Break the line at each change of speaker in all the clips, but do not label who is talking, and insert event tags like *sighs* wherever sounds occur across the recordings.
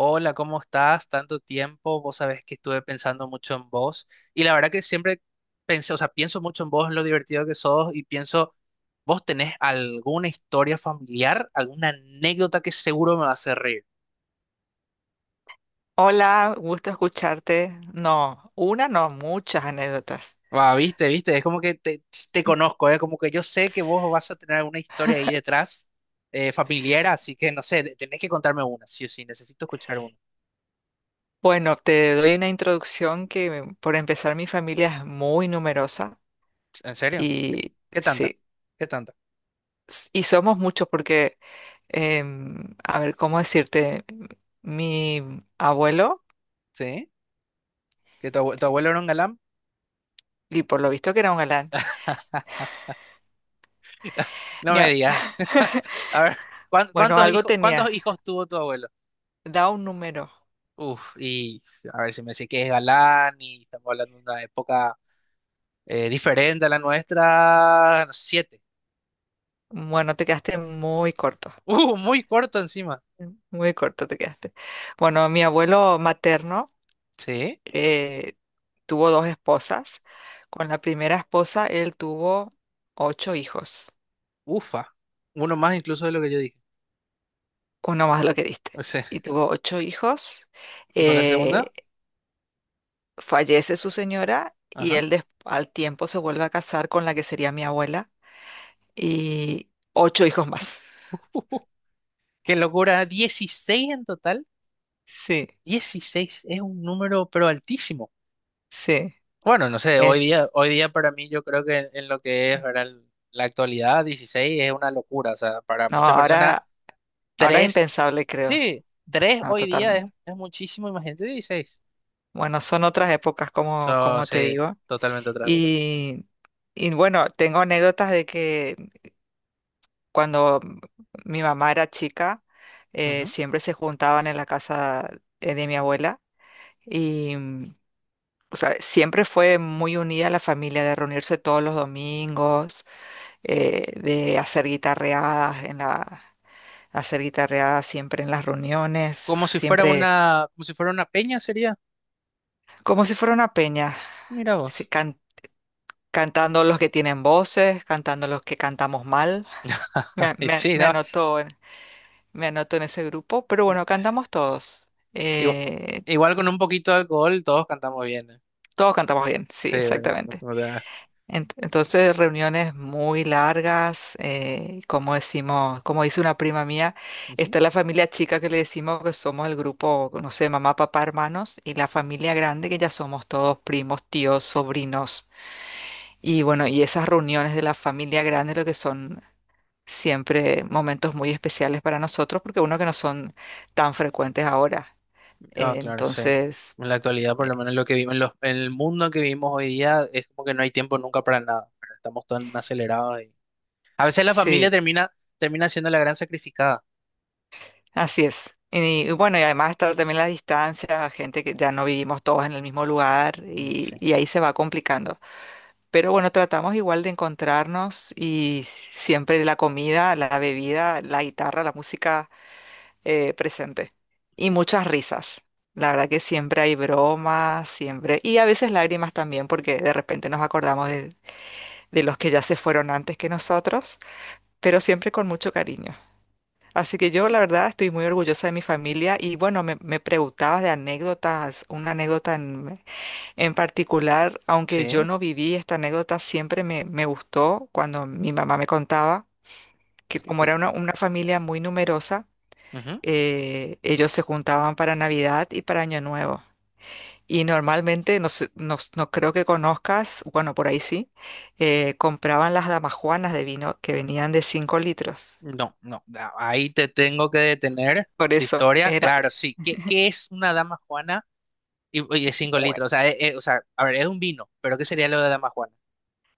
Hola, ¿cómo estás? Tanto tiempo, vos sabés que estuve pensando mucho en vos y la verdad que siempre pensé, o sea, pienso mucho en vos, en lo divertido que sos y pienso, vos tenés alguna historia familiar, alguna anécdota que seguro me va a hacer reír.
Hola, gusto escucharte. No, una no, muchas anécdotas.
Va, viste, viste, es como que te conozco, es como que yo sé que vos vas a tener alguna historia ahí detrás familiar, así que no sé, tenés que contarme una, sí o sí, necesito escuchar una.
Bueno, te doy una introducción que por empezar mi familia es muy numerosa
¿En serio?
y
¿Qué tanta?
sí,
¿Qué tanta?
y somos muchos porque, a ver, ¿cómo decirte? Mi abuelo,
¿Sí? ¿Que tu, tu abuelo era un galán?
y por lo visto que era un galán,
No
mi
me
a- *laughs*
digas. *laughs* A ver,
bueno,
¿cuántos
algo
hijos, cuántos
tenía,
hijos tuvo tu abuelo?
da un número.
Uf, y a ver si me sé que es galán y estamos hablando de una época diferente a la nuestra. Siete. *laughs*
Bueno, te quedaste
Muy corto encima.
muy corto te quedaste. Bueno, mi abuelo materno,
Sí,
eh, tuvo dos esposas. Con la primera esposa él tuvo ocho hijos,
ufa. Uno más incluso de lo que yo dije.
uno más lo que
O
diste,
sea,
y tuvo ocho hijos.
¿y con la segunda?
Eh, Fallece su señora y
Ajá.
él al tiempo se vuelve a casar con la que sería mi abuela y ocho hijos más. *laughs*
*laughs* Qué locura. 16 en total.
Sí,
16 es un número pero altísimo.
sí,
Bueno, no sé,
es.
hoy día para mí yo creo que en lo que es, ¿verdad? La actualidad, 16 es una locura, o sea, para
No,
muchas personas,
ahora es
3,
impensable, creo.
sí, tres
No,
hoy día es,
totalmente.
es muchísimo, imagínate 16.
Bueno, son otras épocas, como,
Eso
como te
sí,
digo.
totalmente otra cosa.
Y, y bueno, tengo anécdotas de que cuando mi mamá era chica,
Ujú.
siempre se juntaban en la casa de mi abuela y, mm, o sea, siempre fue muy unida la familia de reunirse todos los domingos, de hacer guitarreadas hacer guitarreadas siempre en las reuniones,
Como si fuera
siempre
una, como si fuera una peña sería,
como si fuera una peña,
mira
se
vos.
can- cantando los que tienen voces, cantando los que cantamos mal. Me, a-
*laughs* Y
me a-
sí,
me
¿no?
anotó Me anoto en ese grupo, pero bueno, cantamos todos.
Igual,
Eh,
igual con un poquito de alcohol todos cantamos bien, ¿eh?
Todos cantamos bien, sí,
Sí, ¿verdad?
exactamente.
No te hagas.
Entonces, reuniones muy largas, como decimos, como dice una prima mía, está la familia chica que le decimos que somos el grupo, no sé, mamá, papá, hermanos, y la familia grande que ya somos todos primos, tíos, sobrinos. Y bueno, y esas reuniones de la familia grande lo que son siempre momentos muy especiales para nosotros, porque uno que no son tan frecuentes ahora.
Ah, claro, sí.
Entonces,
En la actualidad, por
eh,
lo menos lo que vivimos, en el mundo que vivimos hoy día, es como que no hay tiempo nunca para nada, ¿verdad? Estamos tan acelerados y a veces la familia
sí,
termina siendo la gran sacrificada.
así es. Y bueno, y además está también la distancia, gente que ya no vivimos todos en el mismo lugar
Mm,
y,
sí.
y ahí se va complicando. Pero bueno, tratamos igual de encontrarnos y siempre la comida, la bebida, la guitarra, la música presente. Y muchas risas. La verdad que siempre hay bromas, siempre. Y a veces lágrimas también, porque de repente nos acordamos de los que ya se fueron antes que nosotros, pero siempre con mucho cariño. Así que yo, la verdad, estoy muy orgullosa de mi familia y bueno, me preguntabas de anécdotas, una anécdota en particular, aunque yo
Sí.
no viví esta anécdota, siempre me gustó cuando mi mamá me contaba que como
que-
era una familia muy numerosa,
Ujú.
ellos se juntaban para Navidad y para Año Nuevo. Y normalmente, no, no creo que conozcas, bueno, por ahí sí, compraban las damajuanas de vino que venían de 5 litros.
No, no. Ahí te tengo que detener.
Por
De
eso,
historias,
era.
claro, sí. ¿Qué es una dama juana? Y de 5 litros. O sea, a ver, es un vino, pero ¿qué sería lo de dama juana?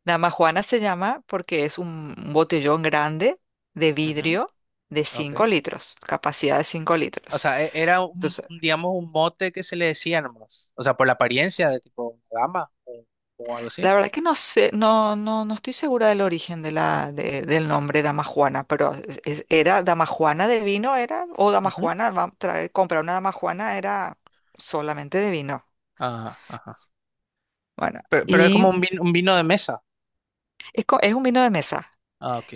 Damajuana se llama porque es un botellón grande de
Ujú,
vidrio de
ok.
5 litros, capacidad de 5
O
litros.
sea, era un,
Entonces,
un, digamos, un mote que se le decía nomás. O sea, por la apariencia de tipo una dama o algo así.
la verdad que no sé, no estoy segura del origen de la, del nombre Damajuana, pero era Damajuana de vino, era, o
Ujú.
Damajuana, comprar una Damajuana era solamente de vino.
Ah, ajá.
Bueno,
Pero es como
y
un vino de mesa.
es un vino de mesa.
Ah, ok.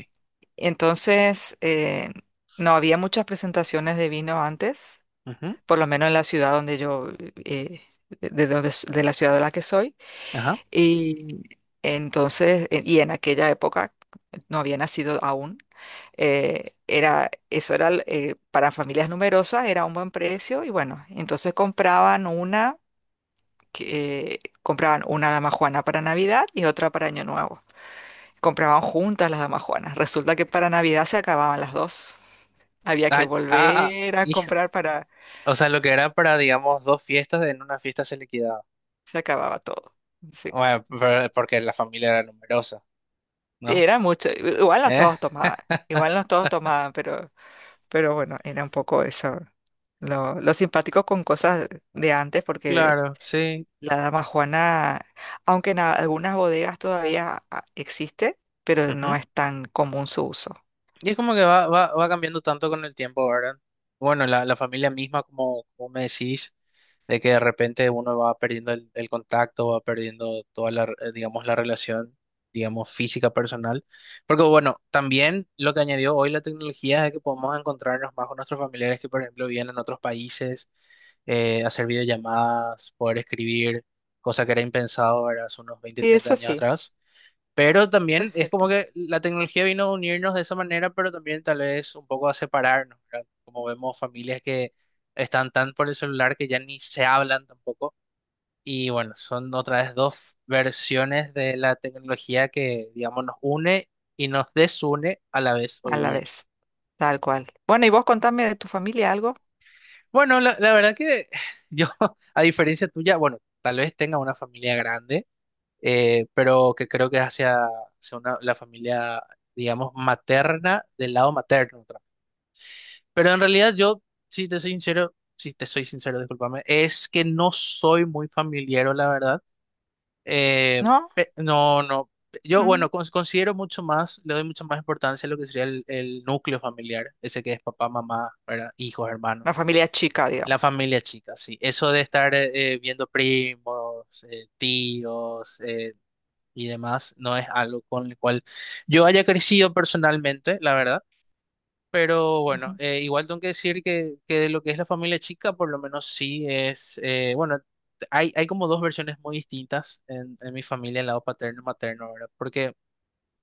Entonces, no había muchas presentaciones de vino antes
Ujú.
por lo menos en la ciudad donde yo, eh, de donde de la ciudad de la que soy.
Ajá.
Y entonces, y en aquella época, no había nacido aún, era, eso era, l- para familias numerosas era un buen precio y bueno, entonces compraban una dama juana para Navidad y otra para Año Nuevo. Compraban juntas las damas juanas. Resulta que para Navidad se acababan las dos. Había que
Ah, ah,
volver a
hija.
comprar para.
O sea, lo que era para, digamos, dos fiestas, en una fiesta se liquidaba.
Se acababa todo. Sí.
Bueno, porque la familia era numerosa,
Sí,
¿no?
era mucho, igual no
¿Eh?
todos tomaban, igual no todos tomaban, pero bueno, era un poco eso. Lo simpático con cosas de antes, porque
Claro, sí.
la dama Juana, aunque en algunas bodegas todavía existe, pero no
Ujú.
es tan común su uso.
Y es como que va cambiando tanto con el tiempo, ¿verdad? Bueno, la familia misma, como me decís. De que de repente uno va perdiendo el contacto, va perdiendo toda la, digamos, la relación, digamos, física personal. Porque bueno, también lo que añadió hoy la tecnología es que podemos encontrarnos más con nuestros familiares que, por ejemplo, viven en otros países, hacer videollamadas, poder escribir, cosa que era impensado, ¿verdad? Hace unos 20
Y
30
eso
años
sí,
atrás. Pero
es
también es como
cierto.
que la tecnología vino a unirnos de esa manera, pero también tal vez un poco a separarnos, ¿verdad? Como vemos familias que están tan por el celular que ya ni se hablan tampoco. Y bueno, son otra vez dos versiones de la tecnología que, digamos, nos une y nos desune a la vez
A
hoy
la
día.
vez, tal cual. Bueno, y vos contame de tu familia algo,
Bueno, la verdad que *sighs* yo, *laughs* a diferencia tuya, bueno, tal vez tenga una familia grande pero que creo que es hacia la familia, digamos, materna, del lado materno, otra. Pero en realidad yo, si te soy sincero, discúlpame, es que no soy muy familiar, la verdad. Eh,
¿no?
no, no. Yo,
Mm,
bueno, considero mucho más, le doy mucha más importancia a lo que sería el núcleo familiar, ese que es papá, mamá, ¿verdad? Hijos,
una
hermanos.
familia chica,
La
digamos.
familia chica, sí. Eso de estar viendo primos, tíos, y demás, no es algo con el cual yo haya crecido personalmente, la verdad. Pero bueno,
Ujú.
igual tengo que decir que de lo que es la familia chica, por lo menos sí es, bueno, hay como dos versiones muy distintas en mi familia, el lado paterno y materno, ¿verdad? Porque,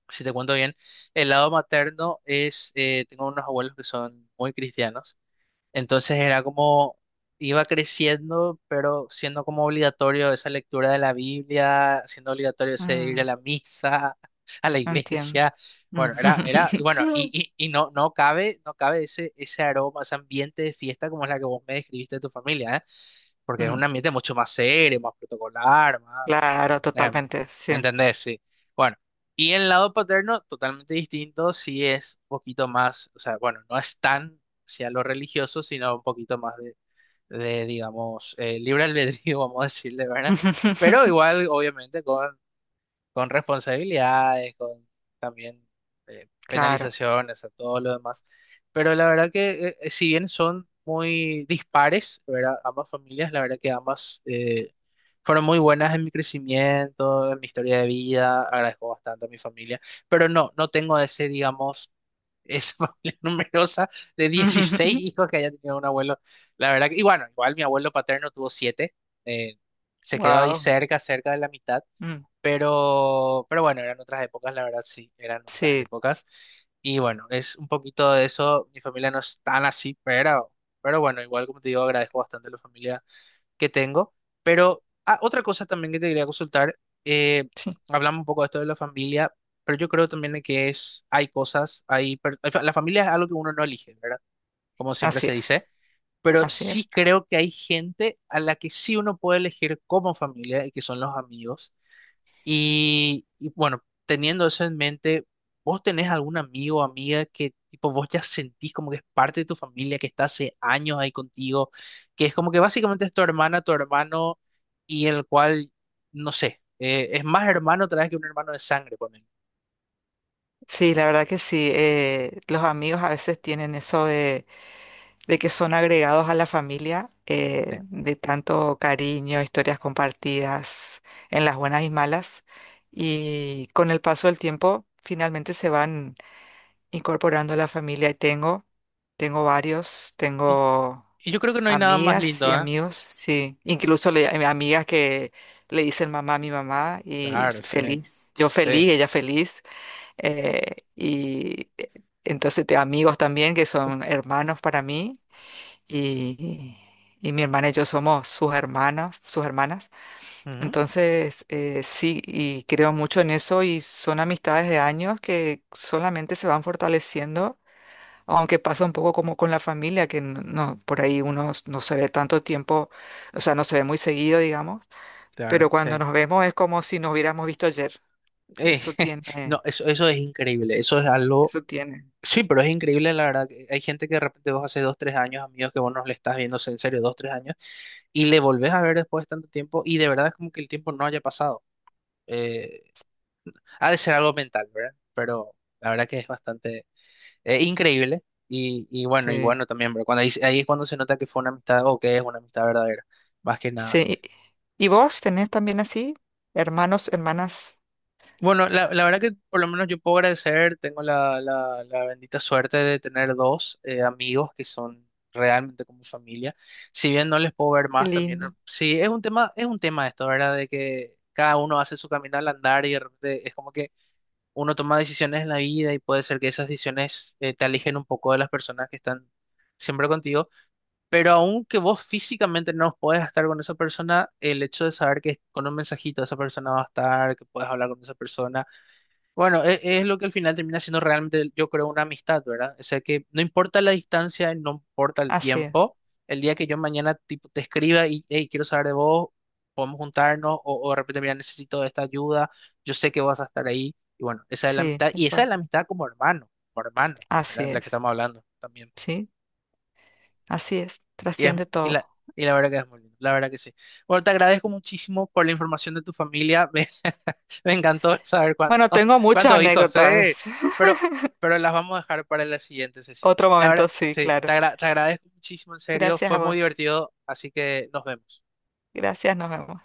si te cuento bien, el lado materno es, tengo unos abuelos que son muy cristianos. Entonces era como, iba creciendo, pero siendo como obligatorio esa lectura de la Biblia, siendo obligatorio ese ir a
Mm,
la misa, *laughs* a la
entiendo.
iglesia.
Mm.
Bueno, y bueno, y,
*laughs*
y, y no cabe ese aroma, ese ambiente de fiesta como es la que vos me describiste de tu familia, ¿eh? Porque es un
Mm.
ambiente mucho más serio, más protocolar, más.
Claro,
Eh,
totalmente,
¿Me
sí.
entendés? Sí. Bueno, y el lado paterno, totalmente distinto, sí es un poquito más, o sea, bueno, no es tan hacia lo religioso, sino un poquito más de, digamos, libre albedrío, *laughs* vamos a decirle, ¿verdad? Pero
*laughs*
igual, obviamente, con responsabilidades, con también
Claro.
penalizaciones, a todo lo demás. Pero la verdad que si bien son muy dispares, ¿verdad? Ambas familias, la verdad que ambas fueron muy buenas en mi crecimiento, en mi historia de vida, agradezco bastante a mi familia, pero no, no tengo ese, digamos... Esa *laughs* familia numerosa de 16
*laughs*
hijos que haya tenido un abuelo. La verdad que, y bueno, igual mi abuelo paterno tuvo siete eh, se quedó ahí
Wow.
cerca de la mitad pero bueno, eran otras épocas, la verdad sí, eran otras
Sí,
épocas. Y bueno, es un poquito de eso. Mi familia no es tan así, pero bueno, igual como te digo, agradezco bastante la familia que tengo. Pero otra cosa también que te quería consultar, eh,
sí,
hablamos un poco de esto de la familia, pero yo creo también de que es, hay cosas, o sea, la familia es algo que uno no elige, ¿verdad? Como siempre
así
se dice.
es,
Pero
así es.
sí creo que hay gente a la que sí uno puede elegir como familia y que son los amigos. Y bueno, teniendo eso en mente, ¿vos tenés algún amigo o amiga que tipo vos ya sentís como que es parte de tu familia, que está hace años ahí contigo, que es como que básicamente es tu hermana, tu hermano, y el cual, no sé, es más hermano otra vez que un hermano de sangre, ponen.
Sí, la verdad que sí. Los amigos a veces tienen eso de que son agregados a la familia,
Sí.
de tanto cariño, historias compartidas en las buenas y malas. Y con el paso del tiempo, finalmente se van incorporando a la familia y tengo, varios,
Y,
tengo
y yo creo que no hay nada más
amigas
lindo,
y
¿eh?
amigos, sí, incluso amigas que le dicen mamá a mi mamá y
Claro, sí,
feliz, yo
sí.
feliz, ella feliz, y entonces tengo amigos también que son hermanos para mí y... Y mi hermana y yo somos sus hermanos sus hermanas.
Ujú,
Entonces, sí, y creo mucho en eso y son amistades de años que solamente se van fortaleciendo aunque pasa un poco como con la familia, que no, por ahí uno no se ve tanto tiempo, o sea, no se ve muy seguido, digamos,
claro,
pero cuando
sí.
nos vemos es como si nos hubiéramos visto ayer.
Eh,
Eso
*laughs* no,
tiene,
eso es increíble, eso es algo.
eso tiene.
Sí, pero es increíble, la verdad, que hay gente que de repente vos hace 2, 3 años, amigos, que vos no le estás viendo en serio 2, 3 años, y le volvés a ver después de tanto tiempo, y de verdad es como que el tiempo no haya pasado. Eh, Ha de ser algo mental, ¿verdad? Pero la verdad que es bastante increíble, y, y bueno, y
Sí.
bueno también, pero cuando ahí, es cuando se nota que fue una amistad, o que es una amistad verdadera, más que nada.
Sí. ¿Y vos tenés también así? Hermanos, hermanas.
Bueno, la verdad que por lo menos yo puedo agradecer, tengo la bendita suerte de tener dos amigos que son realmente como familia. Si bien no les puedo ver
Qué
más también,
lindo.
sí, es un tema esto, ¿verdad? De que cada uno hace su camino al andar y de repente es como que uno toma decisiones en la vida y puede ser que esas decisiones te alejen un poco de las personas que están siempre contigo, pero aunque vos físicamente no puedas estar con esa persona, el hecho de saber que con un mensajito esa persona va a estar, que puedes hablar con esa persona bueno, es, lo que al final termina siendo realmente, yo creo, una amistad, ¿verdad? O sea que no importa la distancia, no importa el
Así es.
tiempo, el día que yo mañana tipo, te escriba y hey, quiero saber de vos, podemos juntarnos, o de repente, mira, necesito esta ayuda, yo sé que vas a estar ahí, y bueno, esa es la
Sí,
amistad,
tal
y esa es
cual.
la amistad como hermano, como hermana,
Así
¿verdad? De la que
es.
estamos hablando también.
Sí, así es.
Y, es-
Trasciende
y
todo.
la, y la verdad que es muy lindo, la verdad que sí. Bueno, te agradezco muchísimo por la información de tu familia. *laughs* Me encantó saber
Bueno, tengo muchas
cuántos hijos.
anécdotas. *laughs*
Pero, pero las vamos a dejar para la siguiente sesión.
Otro
La verdad,
momento, sí,
sí,
claro.
te agradezco muchísimo, en serio.
Gracias a
Fue muy
vos.
divertido, así que nos vemos.
Gracias, nos vemos.